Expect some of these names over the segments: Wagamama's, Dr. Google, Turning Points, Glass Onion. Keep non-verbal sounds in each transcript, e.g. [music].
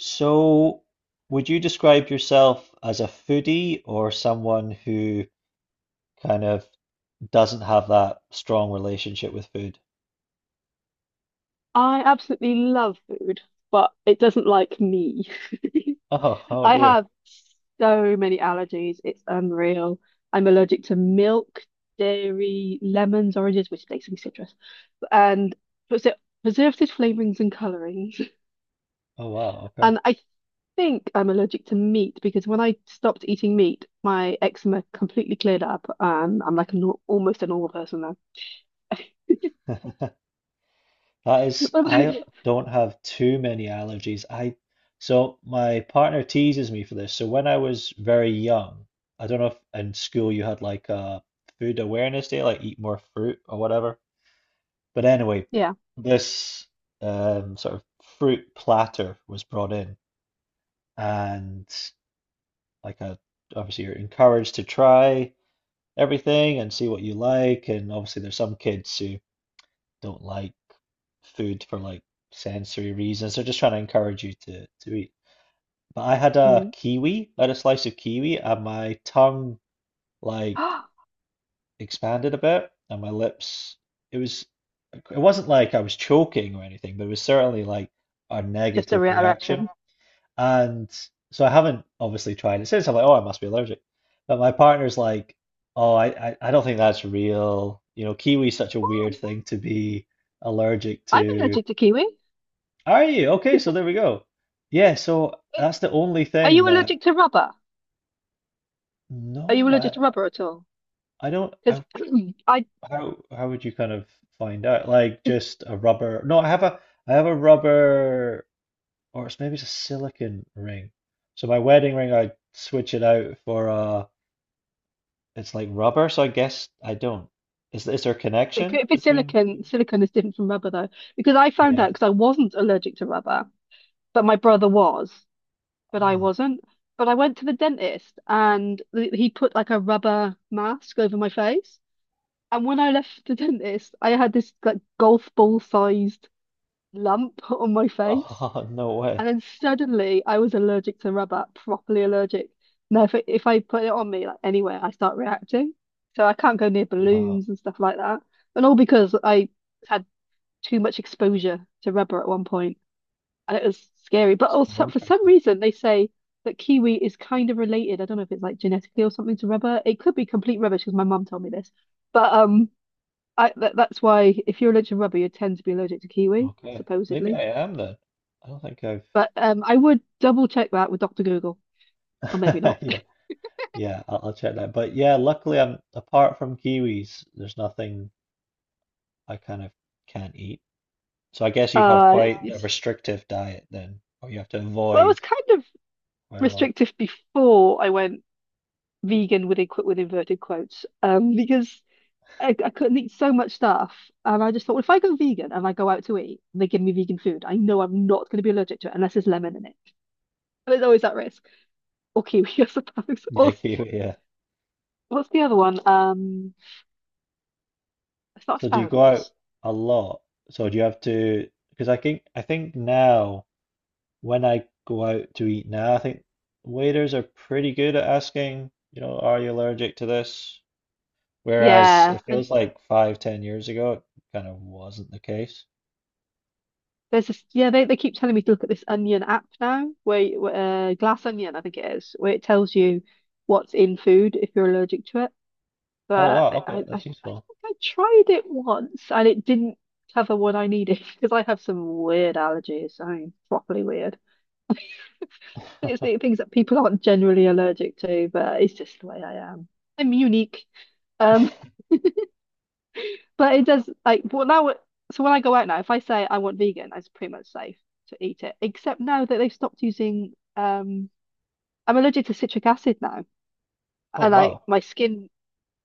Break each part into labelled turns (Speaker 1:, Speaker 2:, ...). Speaker 1: So, would you describe yourself as a foodie or someone who kind of doesn't have that strong relationship with food? [laughs]
Speaker 2: I absolutely love food, but it doesn't like me.
Speaker 1: Oh,
Speaker 2: [laughs]
Speaker 1: oh
Speaker 2: I
Speaker 1: dear.
Speaker 2: have so many allergies. It's unreal. I'm allergic to milk, dairy, lemons, oranges, which basically citrus, and preser- preservatives, flavorings, and colorings. [laughs]
Speaker 1: Oh wow, okay.
Speaker 2: And I think I'm allergic to meat because when I stopped eating meat, my eczema completely cleared up, and I'm like a nor almost a normal person now. [laughs]
Speaker 1: That is,
Speaker 2: What about
Speaker 1: I
Speaker 2: you?
Speaker 1: don't have too many allergies. I so my partner teases me for this. So when I was very young, I don't know if in school you had like a food awareness day, like eat more fruit or whatever. But anyway,
Speaker 2: Yeah.
Speaker 1: this sort of fruit platter was brought in. And like a, obviously you're encouraged to try everything and see what you like, and obviously there's some kids who don't like food for like sensory reasons, they're just trying to encourage you to eat, but
Speaker 2: Mm.
Speaker 1: I had a slice of kiwi, and my tongue like
Speaker 2: [gasps]
Speaker 1: expanded a bit, and my lips, it was it wasn't like I was choking or anything, but it was certainly like a
Speaker 2: Just a
Speaker 1: negative reaction.
Speaker 2: reaction.
Speaker 1: And so I haven't obviously tried it since. I'm like, oh, I must be allergic. But my partner's like, oh, I don't think that's real. You know, kiwi's such a weird thing to be allergic
Speaker 2: I'm
Speaker 1: to.
Speaker 2: allergic to kiwi.
Speaker 1: Are you? Okay, so there we go. Yeah, so that's the only
Speaker 2: Are
Speaker 1: thing
Speaker 2: you
Speaker 1: that,
Speaker 2: allergic to rubber? Are you
Speaker 1: no,
Speaker 2: allergic
Speaker 1: I,
Speaker 2: to rubber at all?
Speaker 1: I don't,
Speaker 2: Because [clears throat] I,
Speaker 1: how would you kind of find out? Like
Speaker 2: cause
Speaker 1: just a rubber, no, I have a rubber, or it's maybe it's a silicon ring. So my wedding ring, I switch it out for a, it's like rubber, so I guess I don't. Is there a
Speaker 2: it
Speaker 1: connection
Speaker 2: could- if it's
Speaker 1: between you?
Speaker 2: silicon, silicon is different from rubber though. Because I found out
Speaker 1: Yeah.
Speaker 2: because I wasn't allergic to rubber, but my brother was, but I
Speaker 1: Ah.
Speaker 2: wasn't. But I went to the dentist and he put like a rubber mask over my face. And when I left the dentist, I had this like golf ball sized lump on my face.
Speaker 1: Oh, [laughs] no way.
Speaker 2: And then suddenly I was allergic to rubber, properly allergic. Now if I put it on me like anywhere, I start reacting. So I can't go near
Speaker 1: Wow.
Speaker 2: balloons and stuff like that. And all because I had too much exposure to rubber at one point, and it was scary. But
Speaker 1: So
Speaker 2: also for some
Speaker 1: interesting.
Speaker 2: reason they say that kiwi is kind of related. I don't know if it's like genetically or something to rubber. It could be complete rubbish because my mum told me this. But that's why if you're allergic to rubber, you tend to be allergic to kiwi,
Speaker 1: Okay. Maybe
Speaker 2: supposedly.
Speaker 1: I am then. I don't think I've.
Speaker 2: But I would double check that with Dr. Google. Or maybe not.
Speaker 1: [laughs]
Speaker 2: [laughs]
Speaker 1: Yeah. Yeah, I'll check that. But yeah, luckily I'm apart from kiwis, there's nothing I kind of can't eat. So I guess you have
Speaker 2: Uh,
Speaker 1: quite a
Speaker 2: it's,
Speaker 1: restrictive diet then, or you have to
Speaker 2: well, I was
Speaker 1: avoid
Speaker 2: kind of
Speaker 1: quite a lot.
Speaker 2: restrictive before I went vegan with inverted quotes because I couldn't eat so much stuff. And I just thought, well, if I go vegan and I go out to eat and they give me vegan food, I know I'm not going to be allergic to it unless there's lemon in it. But there's always that risk. Or kiwi, [laughs] I suppose.
Speaker 1: Yeah,
Speaker 2: Or
Speaker 1: kiwi, yeah.
Speaker 2: what's the other one? It's not
Speaker 1: So do you go out
Speaker 2: asparagus.
Speaker 1: a lot? So do you have to? Because I think now when I go out to eat now, I think waiters are pretty good at asking, are you allergic to this? Whereas, yeah,
Speaker 2: Yeah.
Speaker 1: it
Speaker 2: And
Speaker 1: feels like 5, 10 years ago, it kind of wasn't the case.
Speaker 2: Yeah, they keep telling me to look at this Onion app now, where, Glass Onion, I think it is, where it tells you what's in food if you're allergic to it.
Speaker 1: Oh
Speaker 2: But
Speaker 1: wow,
Speaker 2: I, I,
Speaker 1: okay, that's
Speaker 2: I I think
Speaker 1: useful.
Speaker 2: I tried it once and it didn't cover what I needed [laughs] because I have some weird allergies. I mean, properly weird. [laughs] It's the
Speaker 1: [laughs]
Speaker 2: things that people aren't generally allergic to, but it's just the way I am. I'm unique. um. But it does like well now. So when I go out now, if I say I want vegan, it's pretty much safe to eat it. Except now that they've stopped using I'm allergic to citric acid now,
Speaker 1: Oh
Speaker 2: and like
Speaker 1: wow,
Speaker 2: my skin,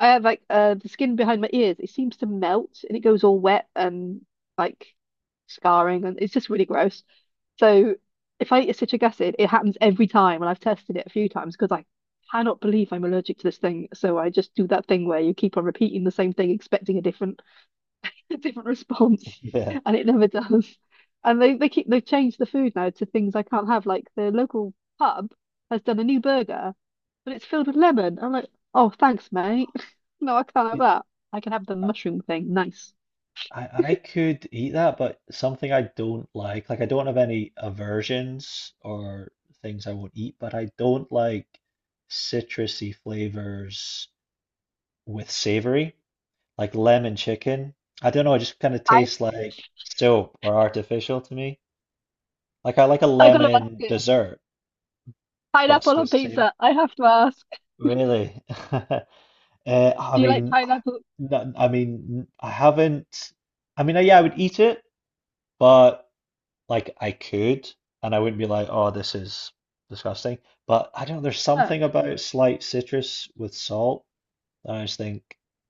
Speaker 2: I have like the skin behind my ears. It seems to melt and it goes all wet and like scarring, and it's just really gross. So if I eat a citric acid, it happens every time, and I've tested it a few times because I cannot believe I'm allergic to this thing. So I just do that thing where you keep on repeating the same thing, expecting a different [laughs] a different
Speaker 1: [laughs]
Speaker 2: response,
Speaker 1: yeah.
Speaker 2: and it never does. And they keep They've changed the food now to things I can't have. Like the local pub has done a new burger, but it's filled with lemon. I'm like, oh, thanks, mate. [laughs] No, I can't have that. I can have the mushroom thing. Nice.
Speaker 1: I could eat that, but something I don't like. Like I don't have any aversions or things I won't eat, but I don't like citrusy flavors with savory, like lemon chicken. I don't know, it just kind of
Speaker 2: I
Speaker 1: tastes like soap or artificial to me. Like I like a
Speaker 2: I gotta ask
Speaker 1: lemon
Speaker 2: it.
Speaker 1: dessert, but
Speaker 2: Pineapple
Speaker 1: with
Speaker 2: on
Speaker 1: savour.
Speaker 2: pizza. I have to ask.
Speaker 1: Really? [laughs] I
Speaker 2: Do you like
Speaker 1: mean,
Speaker 2: pineapple?
Speaker 1: no, I mean, I haven't. I mean, yeah, I would eat it, but. Like I could, and I wouldn't be like, oh, this is disgusting. But I don't know, there's
Speaker 2: Oh,
Speaker 1: something about slight citrus with salt that I just think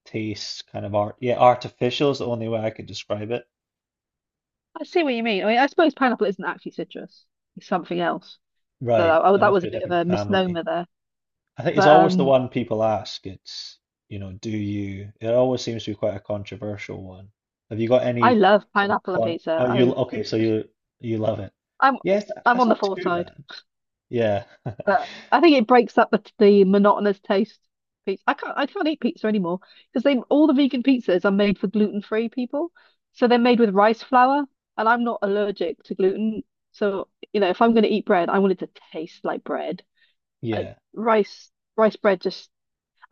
Speaker 1: tastes kind of art. Yeah, artificial is the only way I could describe it.
Speaker 2: I see what you mean. I mean, I suppose pineapple isn't actually citrus. It's something else. So
Speaker 1: Right,
Speaker 2: that, oh,
Speaker 1: it
Speaker 2: that
Speaker 1: must
Speaker 2: was a
Speaker 1: be a
Speaker 2: bit of
Speaker 1: different
Speaker 2: a
Speaker 1: family.
Speaker 2: misnomer there.
Speaker 1: I think it's
Speaker 2: But
Speaker 1: always the
Speaker 2: um,
Speaker 1: one people ask. It's, you know, do you? It always seems to be quite a controversial one. Have you got
Speaker 2: I
Speaker 1: any
Speaker 2: love
Speaker 1: sort of
Speaker 2: pineapple on
Speaker 1: con?
Speaker 2: pizza.
Speaker 1: Oh, you okay? So you love it?
Speaker 2: I'm
Speaker 1: Yes,
Speaker 2: I'm
Speaker 1: that's
Speaker 2: on the
Speaker 1: not
Speaker 2: four
Speaker 1: too
Speaker 2: side,
Speaker 1: bad. Yeah,
Speaker 2: but I think it breaks up the monotonous taste of pizza. I can't eat pizza anymore because they all the vegan pizzas are made for gluten-free people, so they're made with rice flour, and I'm not allergic to gluten. So you know, if I'm going to eat bread, I want it to taste like bread.
Speaker 1: [laughs]
Speaker 2: Uh,
Speaker 1: yeah.
Speaker 2: rice rice bread just.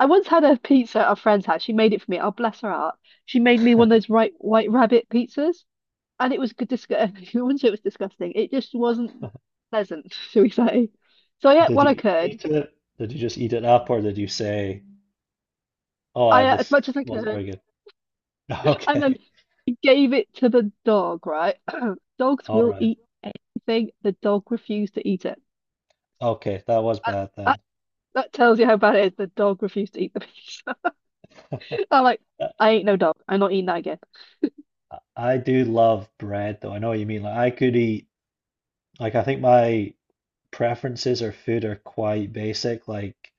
Speaker 2: I once had a pizza at a friend's house. She made it for me. Oh, bless her heart. She made me one of those right white rabbit pizzas and it was good disgusting. [laughs] I wouldn't say it was disgusting. It just wasn't pleasant, shall we say? So I ate
Speaker 1: Did
Speaker 2: what I
Speaker 1: you
Speaker 2: could.
Speaker 1: eat it? Did you just eat it up, or did you say, "Oh, I,
Speaker 2: I ate as
Speaker 1: this
Speaker 2: much as I
Speaker 1: wasn't
Speaker 2: could,
Speaker 1: very good"? [laughs]
Speaker 2: and then
Speaker 1: Okay,
Speaker 2: gave it to the dog. Right? [clears throat] Dogs
Speaker 1: all
Speaker 2: will
Speaker 1: right.
Speaker 2: eat thing. The dog refused to eat it.
Speaker 1: Okay, that was
Speaker 2: That,
Speaker 1: bad
Speaker 2: that
Speaker 1: then.
Speaker 2: that tells you how bad it is. The dog refused to eat the piece. [laughs] I'm like,
Speaker 1: [laughs] I
Speaker 2: I ain't no dog. I'm not eating that again.
Speaker 1: I do love bread, though. I know what you mean. Like, I could eat. Like, I think my preferences or food are quite basic. Like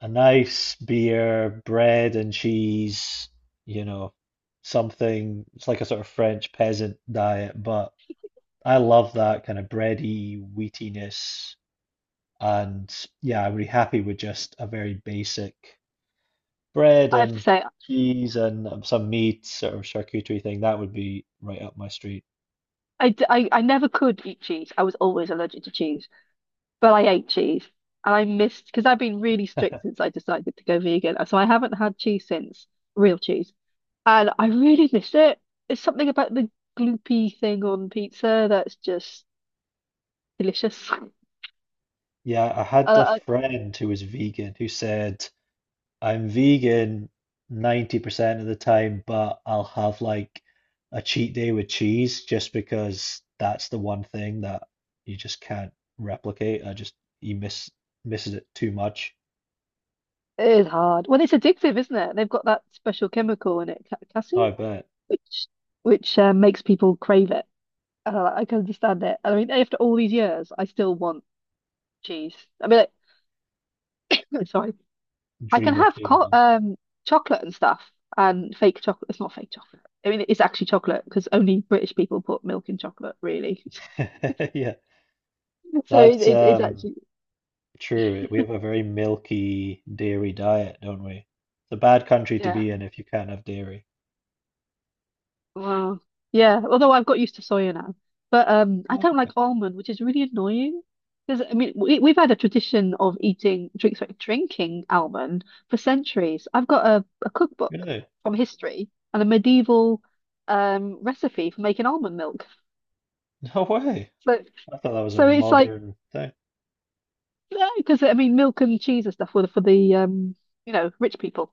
Speaker 1: a nice beer, bread and cheese. You know, something. It's like a sort of French peasant diet, but I love that kind of bready wheatiness. And yeah, I'm really happy with just a very basic bread
Speaker 2: I have to
Speaker 1: and
Speaker 2: say,
Speaker 1: cheese and some meat sort of charcuterie thing. That would be right up my street. [laughs]
Speaker 2: I never could eat cheese. I was always allergic to cheese. But I ate cheese and I missed because I've been really strict since I decided to go vegan. So I haven't had cheese since, real cheese. And I really miss it. It's something about the gloopy thing on pizza that's just delicious. [laughs]
Speaker 1: Yeah, I had a
Speaker 2: Uh,
Speaker 1: friend who was vegan who said, I'm vegan 90% of the time, but I'll have like a cheat day with cheese just because that's the one thing that you just can't replicate. I just, you miss, misses it too much.
Speaker 2: it is hard. Well, it's addictive, isn't it? They've got that special chemical in it,
Speaker 1: Oh,
Speaker 2: casein,
Speaker 1: I bet.
Speaker 2: which which makes people crave it. And I can understand it. And I mean, after all these years, I still want cheese. I mean, like, [coughs] [laughs] sorry, I can
Speaker 1: Dream of
Speaker 2: have co
Speaker 1: cheese.
Speaker 2: chocolate and stuff and fake chocolate. It's not fake chocolate. I mean, it's actually chocolate because only British people put milk in chocolate, really. [laughs]
Speaker 1: [laughs] Yeah.
Speaker 2: So it-
Speaker 1: That's
Speaker 2: it's it's actually.
Speaker 1: true. We have a very milky dairy diet, don't we? It's a bad country to
Speaker 2: Yeah.
Speaker 1: be in if you can't have dairy.
Speaker 2: Wow. Yeah. Although I've got used to soya now, but I,
Speaker 1: Oh,
Speaker 2: don't
Speaker 1: okay.
Speaker 2: like almond, which is really annoying. Because I mean, we've had a tradition of eating drink, sorry, drinking almond for centuries. I've got a cookbook
Speaker 1: Really? [laughs]
Speaker 2: from history and a medieval recipe for making almond milk.
Speaker 1: No way.
Speaker 2: So
Speaker 1: I thought that was a
Speaker 2: so it's like
Speaker 1: modern thing.
Speaker 2: no, because I mean, milk and cheese and stuff were for the you know, rich people.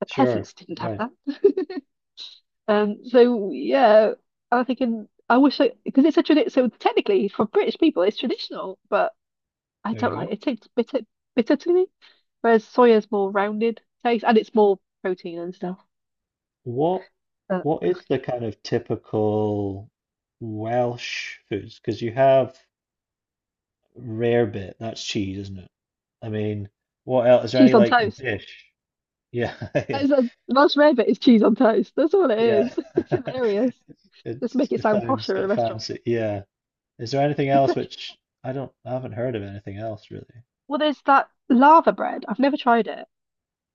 Speaker 2: The
Speaker 1: Sure.
Speaker 2: peasants didn't have
Speaker 1: Right.
Speaker 2: that. So yeah, I'm thinking I wish I because it's a tradition. So technically, for British people, it's traditional, but I
Speaker 1: There you
Speaker 2: don't like
Speaker 1: go.
Speaker 2: it. It tastes bitter, bitter to me. Whereas soya's more rounded taste, and it's more protein and stuff.
Speaker 1: What
Speaker 2: But
Speaker 1: what is the kind of typical Welsh foods? Because you have rarebit, that's cheese, isn't it? I mean, what else? Is there
Speaker 2: cheese
Speaker 1: any
Speaker 2: on
Speaker 1: like
Speaker 2: toast.
Speaker 1: dish? Yeah, [laughs]
Speaker 2: That
Speaker 1: yeah,
Speaker 2: is a most rare bit is cheese on toast. That's all it
Speaker 1: yeah.
Speaker 2: is. [laughs] It's
Speaker 1: [laughs]
Speaker 2: hilarious. Just
Speaker 1: It's
Speaker 2: make it
Speaker 1: it
Speaker 2: sound
Speaker 1: sounds
Speaker 2: posher
Speaker 1: a
Speaker 2: in a
Speaker 1: bit
Speaker 2: restaurant.
Speaker 1: fancy. Yeah. Is there anything else which I don't, I haven't heard of anything else really.
Speaker 2: Well, there's that lava bread. I've never tried it.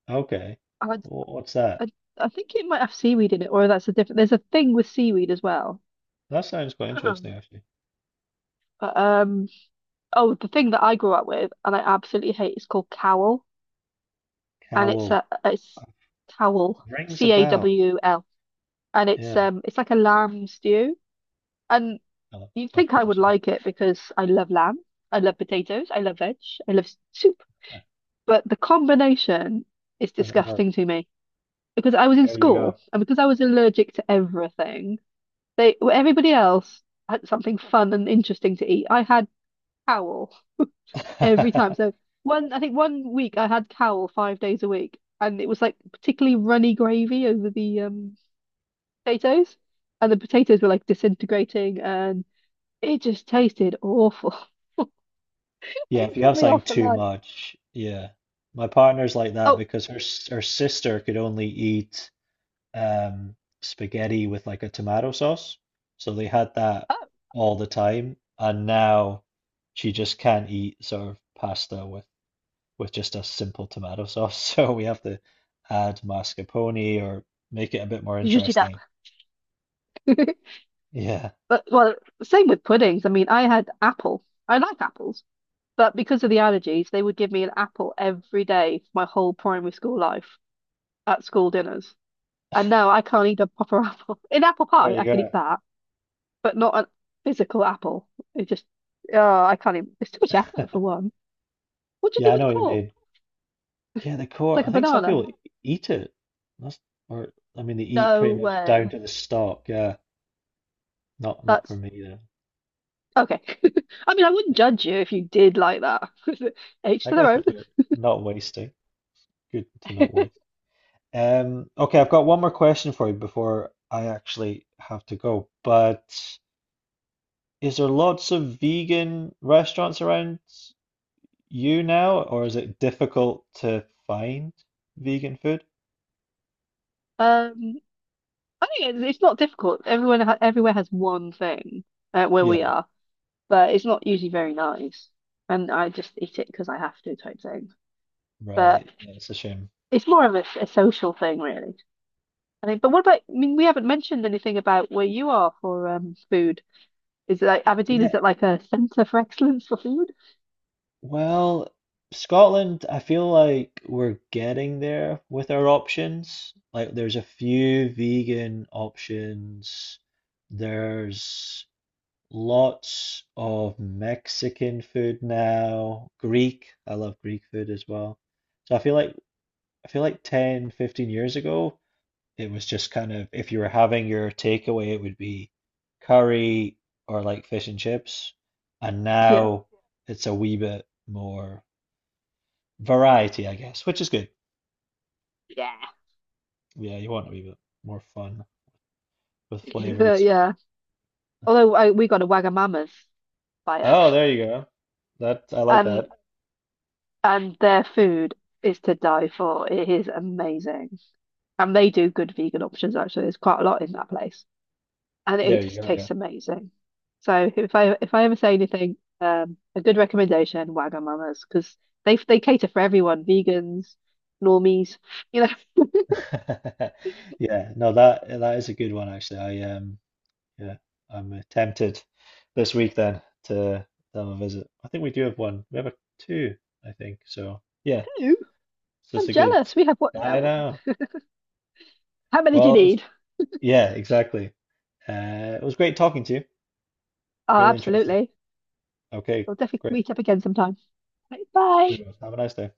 Speaker 1: Okay.
Speaker 2: I
Speaker 1: What's that?
Speaker 2: I I think it might have seaweed in it, or that's a different. There's a thing with seaweed as well.
Speaker 1: That sounds quite interesting
Speaker 2: [clears throat]
Speaker 1: actually.
Speaker 2: But Oh, the thing that I grew up with and I absolutely hate is called cowl, and
Speaker 1: Cowl uh,
Speaker 2: it's cowl,
Speaker 1: rings a
Speaker 2: C A
Speaker 1: bell.
Speaker 2: W L, and
Speaker 1: Yeah,
Speaker 2: it's like a lamb stew, and
Speaker 1: of
Speaker 2: you'd
Speaker 1: of
Speaker 2: think I
Speaker 1: course.
Speaker 2: would
Speaker 1: Yeah.
Speaker 2: like it because I love lamb, I love potatoes, I love veg, I love soup, but the combination is
Speaker 1: Doesn't work.
Speaker 2: disgusting to me because I was in
Speaker 1: There you
Speaker 2: school
Speaker 1: go.
Speaker 2: and because I was allergic to everything. They everybody else had something fun and interesting to eat. I had cowl every time. So
Speaker 1: [laughs]
Speaker 2: one, I think one week I had cowl 5 days a week, and it was like particularly runny gravy over the potatoes, and the potatoes were like disintegrating, and it just tasted awful, [laughs] and
Speaker 1: Yeah, if
Speaker 2: it
Speaker 1: you
Speaker 2: put
Speaker 1: have
Speaker 2: me
Speaker 1: something
Speaker 2: off for
Speaker 1: too
Speaker 2: life.
Speaker 1: much, yeah. My partner's like that
Speaker 2: Oh,
Speaker 1: because her sister could only eat um, spaghetti with like a tomato sauce. So they had that
Speaker 2: oh,
Speaker 1: all the time, and now she just can't eat sort of pasta with just a simple tomato sauce. [laughs] So we have to add mascarpone or make it a bit more
Speaker 2: zhuzh it up.
Speaker 1: interesting.
Speaker 2: [laughs]
Speaker 1: Yeah,
Speaker 2: But well, same with puddings. I mean, I had apple. I like apples, but because of the allergies, they would give me an apple every day for my whole primary school life. At school dinners. And now I can't eat a proper [laughs] apple. In apple
Speaker 1: there
Speaker 2: pie,
Speaker 1: you
Speaker 2: I can
Speaker 1: go.
Speaker 2: eat that, but not a physical apple. It just, oh, I can't even. It's too much effort for
Speaker 1: [laughs]
Speaker 2: one. What do
Speaker 1: Yeah,
Speaker 2: you do
Speaker 1: I know
Speaker 2: with the
Speaker 1: what you
Speaker 2: core?
Speaker 1: mean. Yeah, the
Speaker 2: It's
Speaker 1: core.
Speaker 2: like
Speaker 1: I
Speaker 2: a
Speaker 1: think some
Speaker 2: banana.
Speaker 1: people eat it. That's, or I mean, they eat
Speaker 2: No
Speaker 1: pretty much down
Speaker 2: way.
Speaker 1: to the stalk. Yeah, not for
Speaker 2: That's
Speaker 1: me though.
Speaker 2: okay. [laughs] I mean, I wouldn't judge you if you did like that. [laughs] Each
Speaker 1: I
Speaker 2: to their
Speaker 1: guess
Speaker 2: own.
Speaker 1: what you're not wasting. Good to not waste. Okay, I've got one more question for you before I actually have to go. But is there lots of vegan restaurants around you now, or is it difficult to find vegan food?
Speaker 2: Um, I think it's not difficult. Everyone, ha Everywhere has one thing where we
Speaker 1: Yeah,
Speaker 2: are, but it's not usually very nice. And I just eat it because I have to type thing. But
Speaker 1: right. Yeah, it's a shame.
Speaker 2: it's more of a social thing, really. I think. But what about? I mean, we haven't mentioned anything about where you are for food. Is it like Aberdeen? Is
Speaker 1: Yeah,
Speaker 2: it like a centre for excellence for food?
Speaker 1: well, Scotland, I feel like we're getting there with our options. Like, there's a few vegan options. There's Lots of Mexican food now, Greek. I love Greek food as well. So I feel like 10, 15 years ago, it was just kind of if you were having your takeaway, it would be curry or like fish and chips. And
Speaker 2: Yeah,
Speaker 1: now it's a wee bit more variety, I guess, which is good.
Speaker 2: yeah.
Speaker 1: Yeah, you want a wee bit more fun with
Speaker 2: [laughs]
Speaker 1: flavors.
Speaker 2: Yeah. Although I, we got a Wagamama's by us,
Speaker 1: Oh, there you go. That I like
Speaker 2: um,
Speaker 1: that.
Speaker 2: and their food is to die for. It is amazing, and they do good vegan options. Actually, there's quite a lot in that place. And
Speaker 1: There
Speaker 2: it
Speaker 1: you
Speaker 2: just
Speaker 1: go. Yeah.
Speaker 2: tastes amazing. So if I ever say anything, a good recommendation, Wagamama's, because they cater for everyone, vegans, normies. You're like,
Speaker 1: [laughs] Yeah, no, that is a good one actually. I yeah, I'm tempted this week then to have a visit. I think we do have one. We have a two, I think. So yeah,
Speaker 2: ooh,
Speaker 1: it's
Speaker 2: [laughs]
Speaker 1: just
Speaker 2: I'm
Speaker 1: a good.
Speaker 2: jealous. We have what?
Speaker 1: I know.
Speaker 2: How many do
Speaker 1: Well,
Speaker 2: you
Speaker 1: it was,
Speaker 2: need?
Speaker 1: yeah, exactly. It was great talking to you.
Speaker 2: Oh,
Speaker 1: Really interesting.
Speaker 2: absolutely.
Speaker 1: Okay,
Speaker 2: We'll definitely
Speaker 1: great.
Speaker 2: meet up again sometime. Like,
Speaker 1: We
Speaker 2: bye.
Speaker 1: will. Have a nice day.